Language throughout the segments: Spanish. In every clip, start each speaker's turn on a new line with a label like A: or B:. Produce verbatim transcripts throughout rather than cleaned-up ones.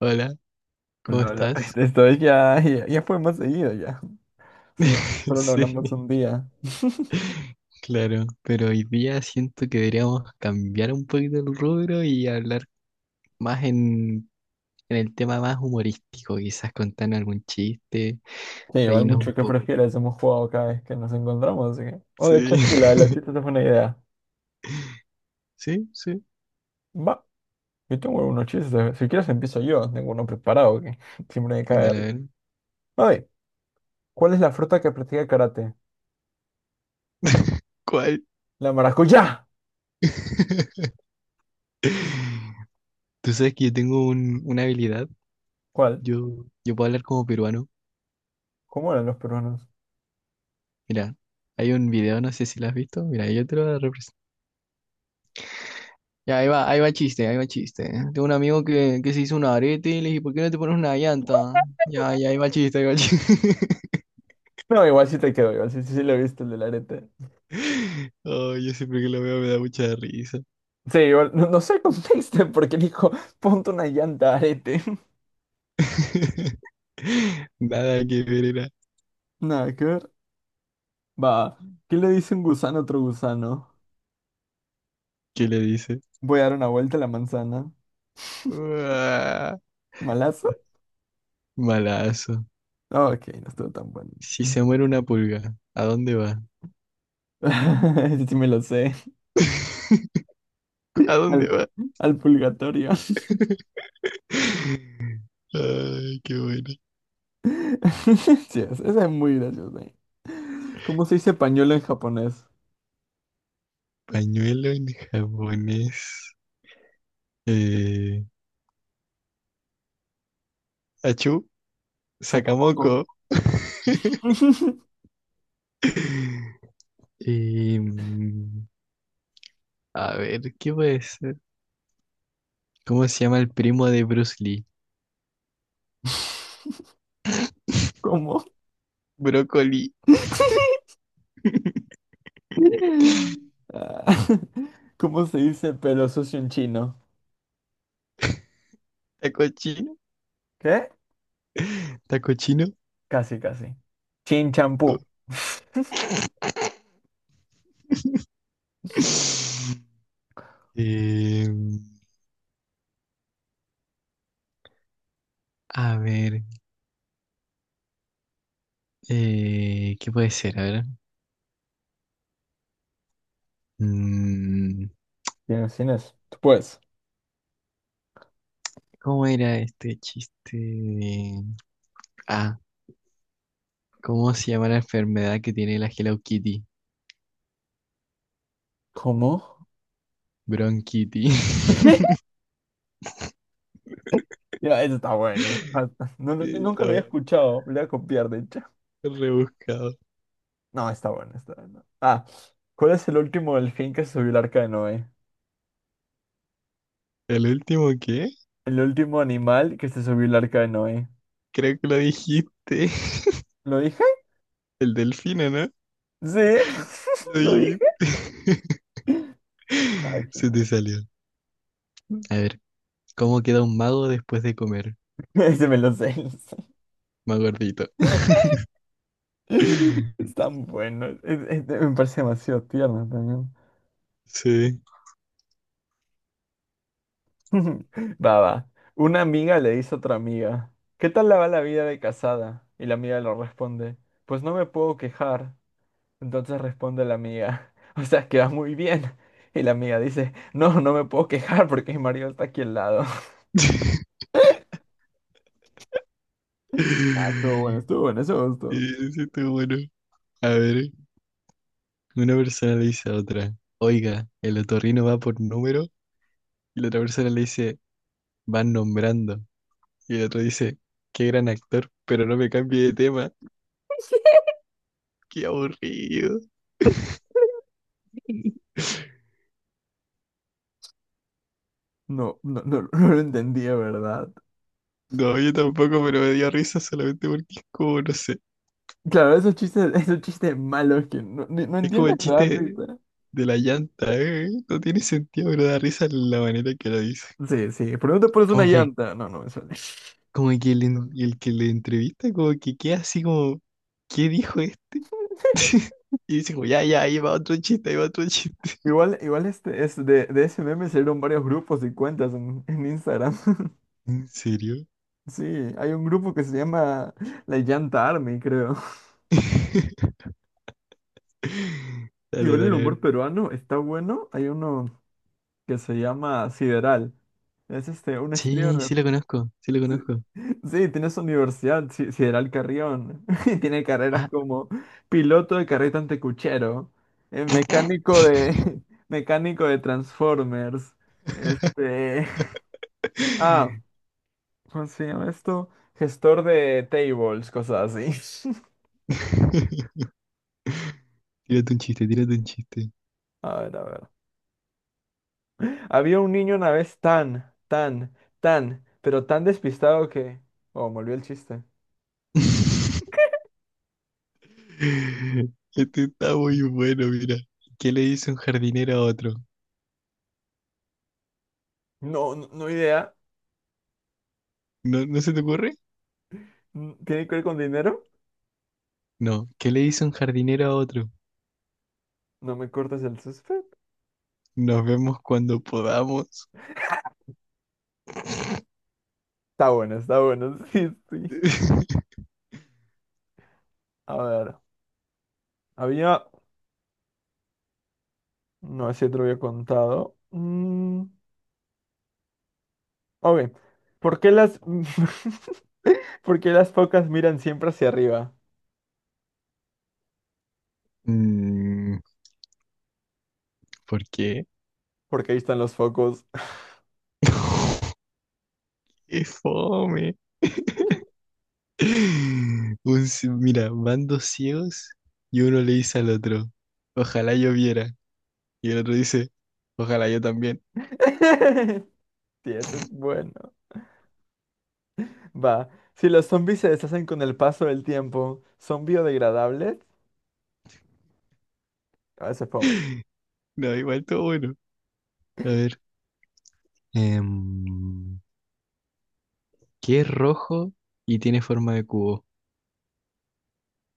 A: Hola, ¿cómo
B: No, no,
A: estás?
B: esto es ya, ya, ya fue más seguido ya. Solo, solo lo
A: Sí,
B: hablamos un día.
A: claro, pero hoy día siento que deberíamos cambiar un poquito el rubro y hablar más en, en el tema más humorístico, quizás contar algún chiste,
B: Sí, igual
A: reírnos un
B: mucho que
A: poco.
B: prefieres, hemos jugado cada vez que nos encontramos. Así que... Oh, de
A: Sí,
B: hecho, sí, la de los chistes es buena idea.
A: sí, sí,
B: Va, yo tengo algunos chistes. Si quieres empiezo yo, tengo uno preparado que siempre me cae de
A: dale a
B: risa.
A: ver.
B: A ver, ¿cuál es la fruta que practica karate?
A: ¿Cuál?
B: La maracuyá.
A: Tú sabes que yo tengo un- una habilidad,
B: ¿Cuál?
A: yo, yo puedo hablar como peruano.
B: ¿Cómo eran los peruanos?
A: Mira, hay un video, no sé si lo has visto, mira, yo te lo voy a representar. Ya, ahí va, ahí va chiste, ahí va chiste. Tengo un amigo que, que se hizo un arete y le dije, ¿por qué no te pones una llanta? Ya, ya, ahí va chiste, ahí va chiste.
B: No, igual sí te quedo, igual sí, sí, sí lo viste el del arete.
A: Oh, yo siempre que lo veo me da mucha risa.
B: Sí, igual, no, no sé el contexto porque dijo, ponte una llanta arete.
A: Nada que ver era.
B: Nada que ver. Va, ¿qué le dice un gusano a otro gusano?
A: ¿Qué le dice?
B: Voy a dar una vuelta a la manzana.
A: Uah,
B: ¿Malazo?
A: malazo.
B: Ah, ok, no estuvo tan bueno.
A: Si se muere una pulga, ¿a dónde va?
B: Ese sí me lo sé.
A: ¿A dónde
B: Al,
A: va?
B: al purgatorio.
A: Ay, qué bueno.
B: Sí, es- esa es muy graciosa. ¿Cómo se dice pañuelo en japonés?
A: Pañuelo en japonés. Eh, achú,
B: Sakamoko.
A: sacamoco. Y, mm, a ver, ¿qué puede ser? ¿Cómo se llama el primo de Bruce Lee?
B: ¿Cómo?
A: Brócoli,
B: Ah, ¿Cómo se dice pelo sucio en chino?
A: taco chino,
B: ¿Qué?
A: taco chino.
B: Casi, casi. Chin champú.
A: Eh, a ver, eh, ¿qué puede ser? A ver. Mm,
B: Tienes, tienes. Tú puedes.
A: ¿cómo era este chiste? de- Ah, ¿cómo se llama la enfermedad que tiene la Hello Kitty?
B: ¿Cómo?
A: Bronquitty.
B: Ya, eso está bueno. Ah, no, no- nunca lo había
A: Estaba
B: escuchado. Lo voy a copiar, de hecho.
A: rebuscado.
B: No, está bueno, está bueno. Ah, ¿cuál es el último delfín que se subió al arca de Noé?
A: ¿El último qué?
B: El último animal que se subió al arca de Noé.
A: Creo que lo dijiste.
B: ¿Lo dije?
A: El delfino, ¿no?
B: Sí,
A: Lo
B: lo dije.
A: dijiste.
B: Ay,
A: Se te salió. A ver, ¿cómo queda un mago después de comer?
B: ese me lo sé. Lo sé.
A: Más gordito.
B: Es tan bueno. Es- es- me parece demasiado tierno.
A: Sí.
B: Va, va. Una amiga le dice a otra amiga, ¿qué tal la va la vida de casada? Y la amiga le responde, pues no me puedo quejar. Entonces responde la amiga, o sea, que va muy bien. Y la amiga dice, no, no me puedo quejar porque mi marido está aquí al lado. Ah, estuvo bueno, estuvo bueno, eso me gustó.
A: Eso está bueno. A ver, una persona le dice a otra, oiga, el otorrino va por número, y la otra persona le dice, van nombrando. Y el otro dice, qué gran actor, pero no me cambie de tema. Qué aburrido.
B: No, no, no, no lo entendía, ¿verdad?
A: No, yo tampoco, pero me dio risa solamente porque es como, no sé.
B: Claro, esos chistes, esos chistes malos que no, ni- no
A: Es como el
B: entiendes,
A: chiste
B: ¿verdad?
A: de la llanta, ¿eh? No tiene sentido, pero da risa la manera que lo dice.
B: Sí, sí, pero no te pones una
A: Como que,
B: llanta. No, no me sale.
A: como que el, en- el que le entrevista, como que queda así como, ¿qué dijo este? Y dice como, ya, ya, ahí va otro chiste, ahí va otro chiste.
B: Igual, igual este, es de, de ese meme salieron varios grupos y cuentas en, en Instagram.
A: ¿En serio?
B: Sí, hay un grupo que se llama La Llanta Army, creo.
A: Dale,
B: Igual el
A: dale, a ver.
B: humor peruano está bueno. Hay uno que se llama Sideral. Es este, un
A: Sí,
B: streamer.
A: sí lo conozco, sí lo
B: Sí,
A: conozco.
B: sí, tiene su universidad, Si- Sideral Carrión. Y tiene carreras
A: Ah.
B: como piloto de carreta antecuchero, eh, mecánico de, mecánico de Transformers. Este. Ah, ¿cómo se llama esto? Gestor de tables, cosas así.
A: Tírate un chiste, tírate un chiste.
B: A ver, a ver. Había un niño una vez tan, tan, tan, pero tan despistado que... Oh, me olvidé el chiste.
A: Este está muy bueno, mira. ¿Qué le dice un jardinero a otro?
B: No, no, no idea.
A: ¿No, no se te ocurre?
B: Mm, ¿tiene que ver con dinero?
A: No. ¿Qué le dice un jardinero a otro?
B: No me cortes el suspense.
A: Nos vemos cuando podamos.
B: Está bueno, está bueno. Sí, sí. A ver. Había... No sé si te lo había contado. Mm, ok. ¿Por qué las... ¿Por qué las focas miran siempre hacia arriba?
A: Mm, ¿por qué?
B: Porque ahí están los focos.
A: ¡Qué fome! Un ci- mira, van dos ciegos y uno le dice al otro, ojalá yo viera. Y el otro dice, ojalá yo también.
B: Sí, eso es bueno. Va. Si los zombies se deshacen con el paso del tiempo, ¿son biodegradables? A veces fome.
A: No, igual todo bueno. A ver. em, que es rojo y tiene forma de cubo.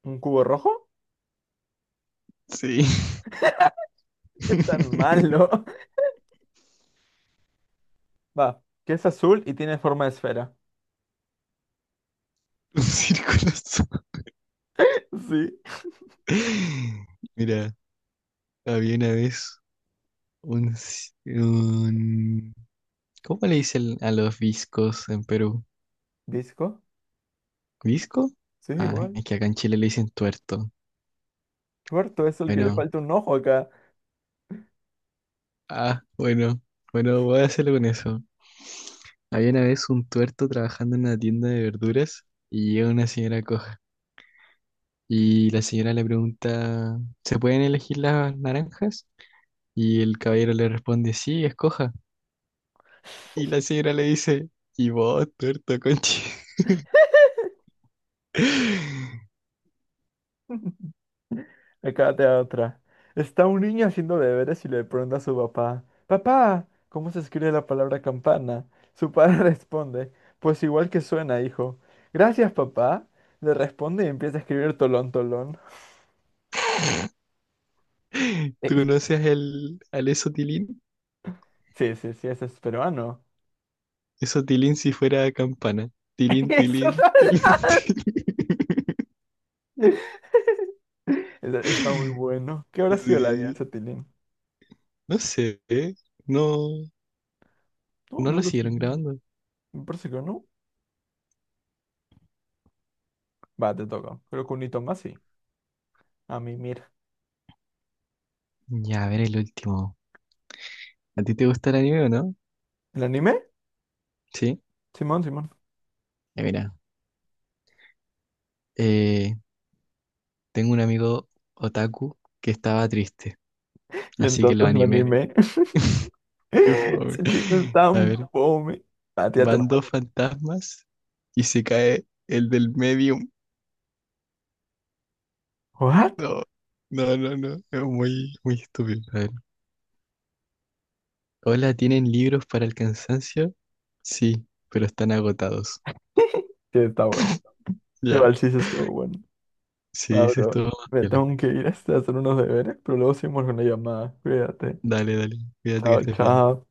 B: ¿Un cubo rojo?
A: Sí.
B: ¿Qué tan malo? Va. Que es azul y tiene forma de esfera.
A: Un círculo azul.
B: Sí.
A: Mira, había una vez un, ci- un- ¿cómo le dicen a los viscos en Perú?
B: ¿Disco?
A: ¿Visco?
B: Sí,
A: Ah,
B: igual.
A: es que acá en Chile le dicen tuerto.
B: Puerto es el que le
A: Bueno,
B: falta un ojo acá.
A: ah, bueno, bueno, voy a hacerlo con eso. Había una vez un tuerto trabajando en una tienda de verduras y llega una señora coja. Y la señora le pregunta, ¿se pueden elegir las naranjas? Y el caballero le responde, sí, escoja. Y la señora le dice, y vos, tuerto conchi,
B: Acá te da otra. Está un niño haciendo deberes y le pregunta a su papá, papá, ¿cómo se escribe la palabra campana? Su padre responde, pues igual que suena, hijo. Gracias, papá. Le responde y empieza a escribir tolón, tolón. Eh,
A: tú no seas el, al eso tilín,
B: sí, sí, sí, ese es peruano.
A: eso tilín si fuera campana. Tilín,
B: Eso
A: tilín, tilín,
B: no... Está está muy bueno. ¿Qué habrá sido la
A: tilín. Sí,
B: alianza, Tilín?
A: no sé, ¿eh? No,
B: No,
A: no
B: no
A: lo
B: lo sé.
A: siguieron grabando.
B: Me parece que no. Va, te toca. Creo que un hito más sí. A mí, mira.
A: Ya, a ver el último. ¿A ti te gusta el anime o no?
B: ¿El anime?
A: Sí.
B: Simón, Simón.
A: Ya, mira, eh, tengo un amigo otaku que estaba triste,
B: Y
A: así que lo
B: entonces lo
A: animé.
B: animé.
A: Qué fome.
B: Ese chiste es
A: A
B: tan
A: ver.
B: fome. Ah, tírate una
A: Van dos
B: muerta.
A: fantasmas y se cae el del medium.
B: ¿What?
A: No, no, no, no. Es muy, muy estúpido. A ver. Hola, ¿tienen libros para el cansancio? Sí, pero están agotados.
B: Sí, está bueno.
A: Ya.
B: Igual sí, sí estuvo bueno.
A: Sí,
B: Ah,
A: eso es
B: bro.
A: todo.
B: Me tengo que ir a hacer unos deberes, pero luego seguimos con la llamada. Cuídate.
A: Dale, dale. Cuídate que
B: Chao,
A: estés bien.
B: chao.